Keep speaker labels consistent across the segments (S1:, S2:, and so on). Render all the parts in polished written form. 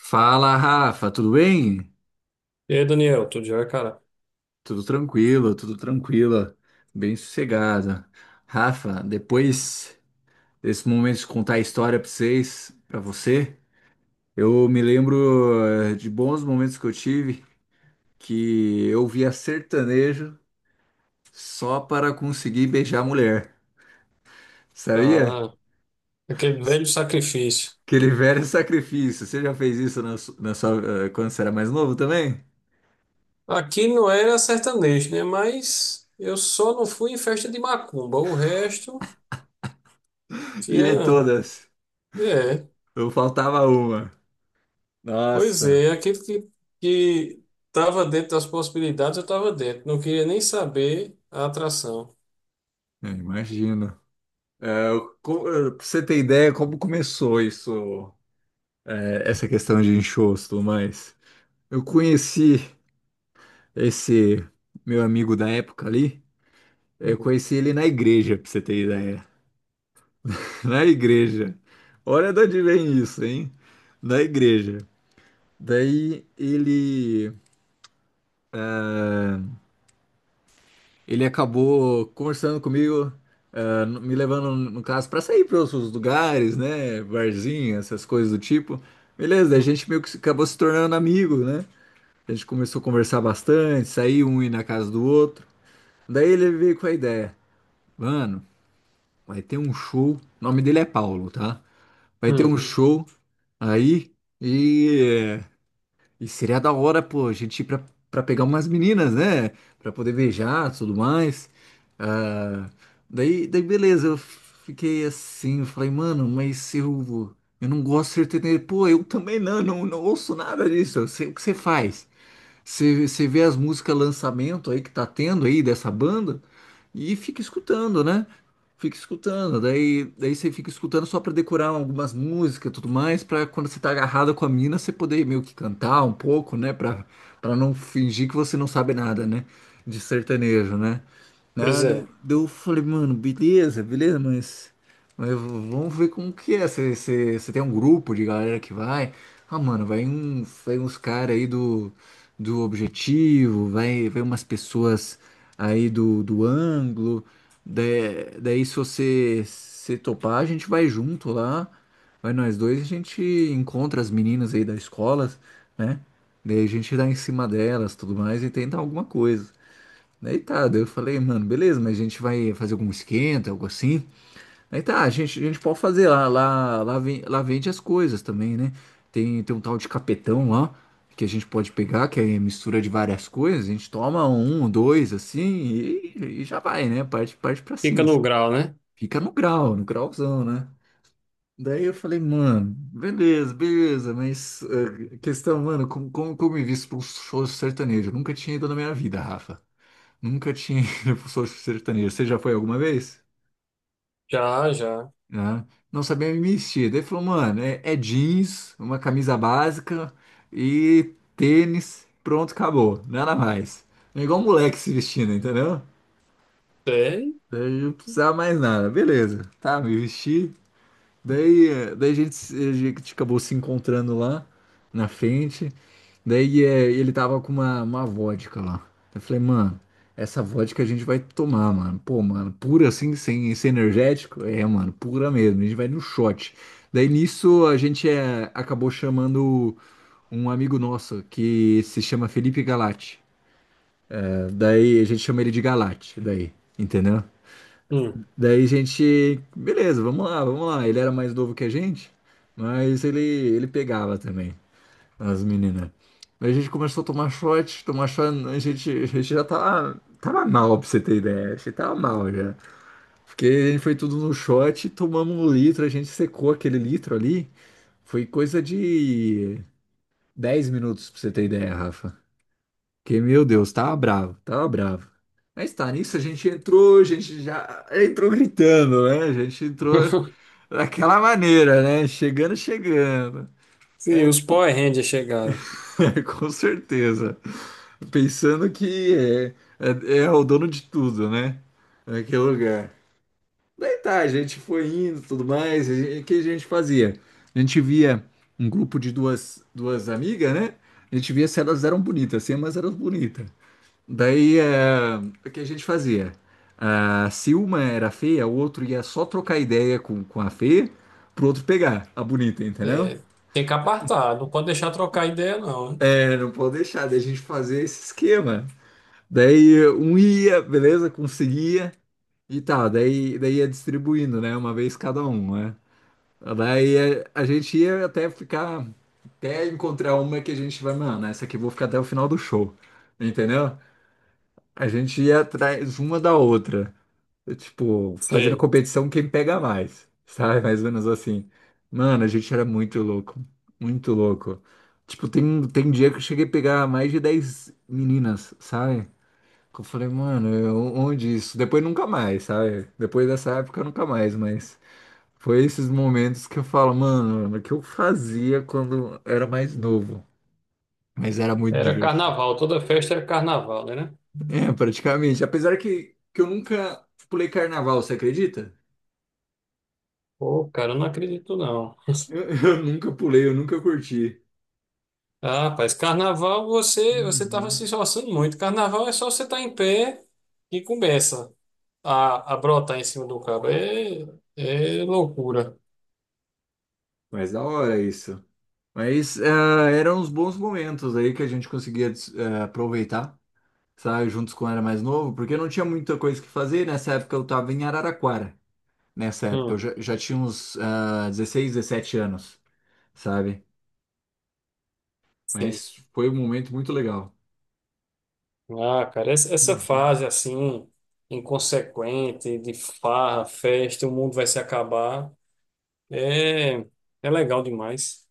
S1: Fala, Rafa, tudo bem?
S2: E aí, Daniel, tudo jóia, cara?
S1: Tudo tranquilo, bem sossegado. Rafa, depois desse momento de contar a história para vocês, para você, eu me lembro de bons momentos que eu tive que eu via sertanejo só para conseguir beijar a mulher, sabia?
S2: Ah, aquele velho sacrifício.
S1: Aquele velho sacrifício. Você já fez isso na sua, quando você era mais novo também?
S2: Aqui não era sertanejo, né? Mas eu só não fui em festa de macumba. O resto
S1: E em
S2: tinha.
S1: todas,
S2: É,
S1: não faltava uma.
S2: pois
S1: Nossa.
S2: é, aquilo que estava dentro das possibilidades, eu estava dentro. Não queria nem saber a atração.
S1: É, imagino. Pra você ter ideia como começou isso, é, essa questão de enxosto, e tudo mais. Eu conheci esse meu amigo da época ali, eu
S2: Hum,
S1: conheci ele na igreja, pra você ter ideia. Na igreja. Olha de onde vem isso, hein? Na igreja. Daí ele. Ele acabou conversando comigo, ah, me levando, no caso, para sair para outros lugares, né? Barzinho, essas coisas do tipo. Beleza, daí a
S2: hum,
S1: gente meio que acabou se tornando amigo, né? A gente começou a conversar bastante, sair um ir na casa do outro. Daí ele veio com a ideia, mano, vai ter um show. O nome dele é Paulo, tá? Vai ter
S2: hum.
S1: um show aí. E eh, seria da hora, pô, a gente ir pra pegar umas meninas, né? Pra poder beijar, tudo mais. Ah, daí, beleza, eu fiquei assim, eu falei, mano, eu não gosto de ser sertanejo. Pô, eu também não, não ouço nada disso, eu sei o que você faz. Você vê as músicas lançamento aí que tá tendo aí dessa banda e fica escutando, né? Fica escutando, daí você fica escutando só pra decorar algumas músicas e tudo mais, pra quando você tá agarrada com a mina, você poder meio que cantar um pouco, né? Pra não fingir que você não sabe nada, né? De sertanejo, né? Né,
S2: Pois é,
S1: daí eu falei, mano, beleza, mas vamos ver como que é. Você tem um grupo de galera que vai. Ah, mano, vai, um, vai uns caras aí do objetivo, vai, vai umas pessoas aí do ângulo. da- Daí, se você se topar, a gente vai junto lá, vai nós dois, e a gente encontra as meninas aí da escola, né? Daí a gente dá em cima delas, tudo mais, e tenta alguma coisa. Daí tá, daí eu falei, mano, beleza, mas a gente vai fazer algum esquenta, algo assim. Aí tá, a gente pode fazer lá, vem, lá vende as coisas também, né? Tem um tal de capetão lá, que a gente pode pegar, que é mistura de várias coisas, a gente toma um, dois, assim, e já vai, né? Parte pra
S2: fica
S1: cima.
S2: no grau, né?
S1: Fica no grau, no grauzão, né? Daí eu falei, mano, beleza, mas questão, mano, como eu me visto para um show sertanejo? Eu nunca tinha ido na minha vida, Rafa. Nunca tinha ido para um show sertanejo. Você já foi alguma vez?
S2: Já, já.
S1: Né? Não sabia me vestir. Daí ele falou, mano, é jeans, uma camisa básica e tênis, pronto, acabou, nada mais. É igual um moleque se vestindo, entendeu?
S2: É.
S1: Daí eu não precisava mais nada. Beleza, tá, me vesti. Daí, daí a gente, a gente acabou se encontrando lá na frente. Daí ele tava com uma vodka lá. Eu falei, mano, essa vodka a gente vai tomar, mano. Pô, mano, pura assim, sem energético? É, mano, pura mesmo. A gente vai no shot. Daí nisso a gente acabou chamando um amigo nosso que se chama Felipe Galati. Daí a gente chama ele de Galate, daí, entendeu?
S2: Hum.
S1: Daí a gente, beleza, vamos lá. Ele era mais novo que a gente, mas ele pegava também as meninas. Daí a gente começou a tomar shot, a gente já tava, tava mal, pra você ter ideia. A gente tava mal já. Porque a gente foi tudo no shot, tomamos um litro, a gente secou aquele litro ali. Foi coisa de 10 minutos, pra você ter ideia, Rafa. Que, meu Deus, tava bravo, tava bravo. Mas tá, nisso a gente entrou, a gente já entrou gritando, né? A gente entrou daquela maneira, né? Chegando, chegando.
S2: Sim,
S1: É,
S2: os Power Rangers chegaram.
S1: com certeza. Pensando que é o dono de tudo, né? Naquele lugar. Daí tá, a gente foi indo e tudo mais. O que a gente fazia? A gente via um grupo de duas amigas, né? A gente via se elas eram bonitas, se elas eram bonitas. Daí, é, o que a gente fazia? Ah, se uma era feia, o outro ia só trocar ideia com a feia, pro outro pegar a bonita, entendeu?
S2: É, tem que apartar, não pode deixar trocar ideia, não, né?
S1: É, não pode deixar da gente fazer esse esquema. Daí um ia, beleza, conseguia e tal. Daí ia distribuindo, né? Uma vez cada um, né? Daí a gente ia até ficar, até encontrar uma que a gente vai, mano, essa aqui eu vou ficar até o final do show, entendeu? A gente ia atrás uma da outra. Tipo, fazendo
S2: Sei.
S1: competição quem pega mais, sabe? Mais ou menos assim. Mano, a gente era muito louco, muito louco. Tipo, tem dia que eu cheguei a pegar mais de 10 meninas, sabe? Que eu falei, mano, onde isso? Depois nunca mais, sabe? Depois dessa época nunca mais, mas foi esses momentos que eu falo, mano, o que eu fazia quando era mais novo. Mas era muito
S2: Era
S1: divertido.
S2: carnaval, toda festa era carnaval, né?
S1: É, praticamente. Apesar que eu nunca pulei carnaval, você acredita?
S2: Pô, cara, eu não acredito não.
S1: Eu, eu nunca pulei, eu nunca curti.
S2: Ah, rapaz, carnaval você tava
S1: Uhum.
S2: se esforçando muito. Carnaval é só você estar em pé e começa a brotar em cima do cabo. É, é loucura.
S1: Mas da hora isso. Mas ah, eram uns bons momentos aí que a gente conseguia aproveitar, sabe, juntos quando era mais novo, porque não tinha muita coisa que fazer. Nessa época eu tava em Araraquara. Nessa época eu
S2: Hum,
S1: já, já tinha uns ah, 16, 17 anos, sabe?
S2: sim.
S1: Mas foi um momento muito legal.
S2: Ah, cara, essa
S1: Uhum.
S2: fase assim, inconsequente, de farra, festa, o mundo vai se acabar, é, é legal demais.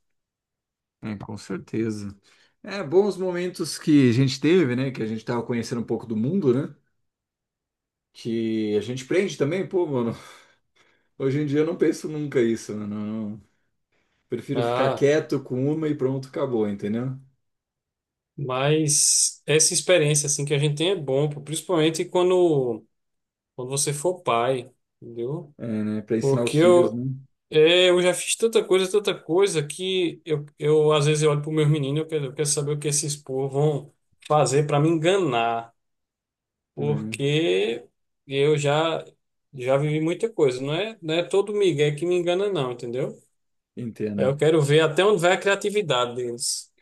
S1: É, com certeza. É, bons momentos que a gente teve, né? Que a gente tava conhecendo um pouco do mundo, né? Que a gente prende também, pô, mano. Hoje em dia eu não penso nunca isso, né? Não, não. Prefiro ficar
S2: Ah.
S1: quieto com uma e pronto, acabou, entendeu?
S2: Mas essa experiência assim que a gente tem é bom, pô, principalmente quando você for pai, entendeu?
S1: É, né? Para ensinar os
S2: Porque
S1: filhos, né?
S2: eu já fiz tanta coisa que eu às vezes eu olho para os meus meninos, eu quero saber o que esses povos vão fazer para me enganar,
S1: Né?
S2: porque eu já vivi muita coisa, não é todo migué que me engana não, entendeu? Eu
S1: Entendo.
S2: quero ver até onde vai a criatividade deles.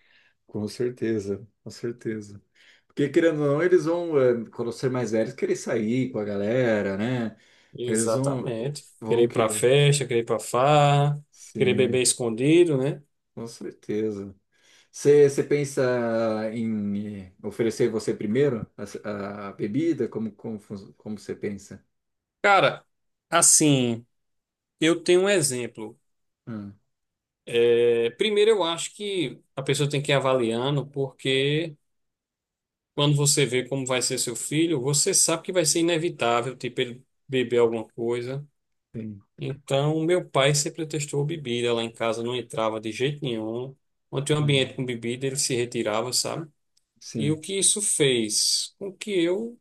S1: Com certeza, com certeza. Porque querendo ou não, eles vão, quando ser mais velhos, querer sair com a galera, né? Eles vão,
S2: Exatamente. Querer
S1: vão
S2: ir pra
S1: querer.
S2: festa, querer ir pra farra, querer beber
S1: Sim,
S2: escondido, né?
S1: com certeza. Você pensa em oferecer você primeiro a bebida? Como você pensa?
S2: Cara, assim, eu tenho um exemplo.
S1: Ah,
S2: É, primeiro, eu acho que a pessoa tem que ir avaliando, porque quando você vê como vai ser seu filho, você sabe que vai ser inevitável, tipo, ele beber alguma coisa.
S1: sim.
S2: Então, meu pai sempre testou bebida lá em casa, não entrava de jeito nenhum. Quando tinha um ambiente
S1: Uhum.
S2: com bebida, ele se retirava, sabe? E o
S1: Sim.
S2: que isso fez? Com que eu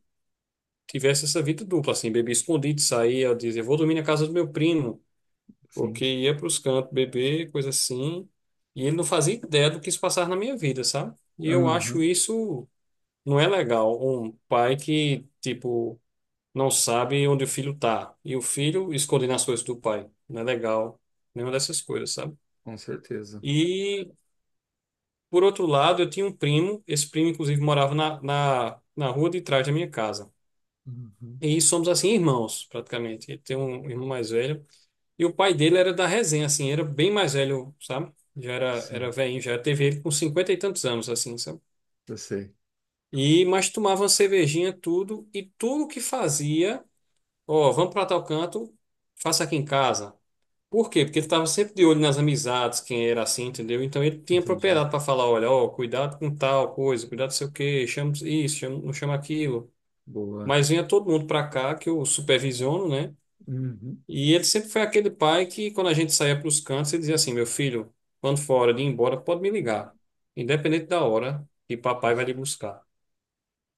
S2: tivesse essa vida dupla, assim, bebia escondido, saía, eu dizia, vou dormir na casa do meu primo,
S1: Sim.
S2: porque ia para os cantos beber, coisa assim, e ele não fazia ideia do que isso passava na minha vida, sabe? E eu acho
S1: Aham.
S2: isso não é legal, um pai que, tipo, não sabe onde o filho tá, e o filho escondendo as coisas do pai, não é legal, nenhuma dessas coisas, sabe?
S1: Com certeza.
S2: E, por outro lado, eu tinha um primo, esse primo, inclusive, morava na rua de trás da minha casa.
S1: Uhum.
S2: E somos assim irmãos, praticamente. Ele tem um irmão mais velho. E o pai dele era da resenha, assim, era bem mais velho, sabe? Já era
S1: Sim,
S2: velhinho, já teve ele com cinquenta e tantos anos, assim, sabe?
S1: eu sei.
S2: E, mas tomava uma cervejinha, tudo, e tudo que fazia, ó, vamos pra tal canto, faça aqui em casa. Por quê? Porque ele estava sempre de olho nas amizades, quem era assim, entendeu? Então ele tinha
S1: Entendi.
S2: propriedade para falar, olha, ó, cuidado com tal coisa, cuidado não sei o quê, chama isso, chama, não chama aquilo.
S1: Boa.
S2: Mas vinha todo mundo para cá, que eu supervisiono, né?
S1: Uhum.
S2: E ele sempre foi aquele pai que, quando a gente saía para os cantos, ele dizia assim: meu filho, quando for hora de ir embora, pode me ligar, independente da hora que papai vai lhe buscar.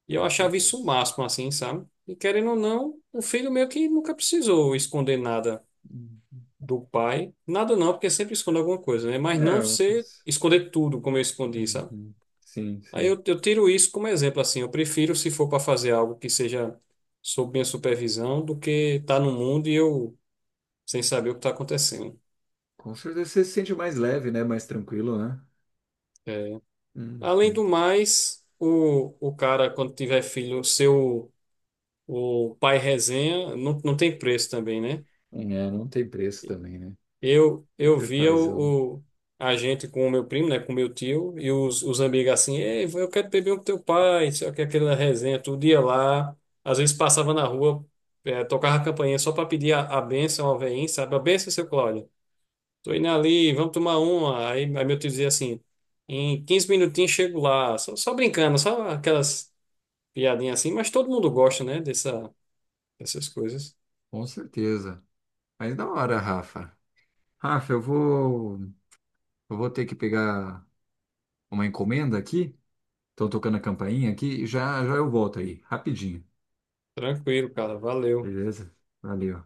S2: E eu
S1: Com
S2: achava isso o
S1: certeza.
S2: máximo, assim, sabe? E querendo ou não, o filho meio que nunca precisou esconder nada
S1: Hum.
S2: do pai. Nada não, porque sempre esconde alguma coisa, né? Mas não
S1: É, uma
S2: ser
S1: coisa.
S2: esconder tudo como eu escondi, sabe?
S1: Uhum. Sim,
S2: Aí
S1: sim.
S2: eu tiro isso como exemplo, assim. Eu prefiro, se for para fazer algo que seja sob minha supervisão, do que estar no mundo e eu sem saber o que está acontecendo.
S1: Com certeza você se sente mais leve, né? Mais tranquilo, né?
S2: É, além
S1: Uhum.
S2: do mais, o cara, quando tiver filho, seu o pai resenha, não, não tem preço também, né?
S1: É, não tem preço também, né?
S2: Eu
S1: Fica
S2: via
S1: paizão.
S2: a gente com o meu primo, né, com o meu tio, e os amigos assim, ei, eu quero beber um com teu pai, só que aquela resenha, todo dia lá, às vezes passava na rua, tocava a campainha só para pedir a bênção ao veinho, sabe? A bênção, seu Cláudio, tô indo ali, vamos tomar uma. Aí meu tio dizia assim, em 15 minutinhos chego lá, só brincando, só aquelas piadinha assim, mas todo mundo gosta, né, dessas coisas.
S1: Com certeza. Mas da hora, Rafa. Rafa, eu vou, eu vou ter que pegar uma encomenda aqui. Estão tocando a campainha aqui. Já, já eu volto aí, rapidinho.
S2: Tranquilo, cara, valeu.
S1: Beleza? Valeu.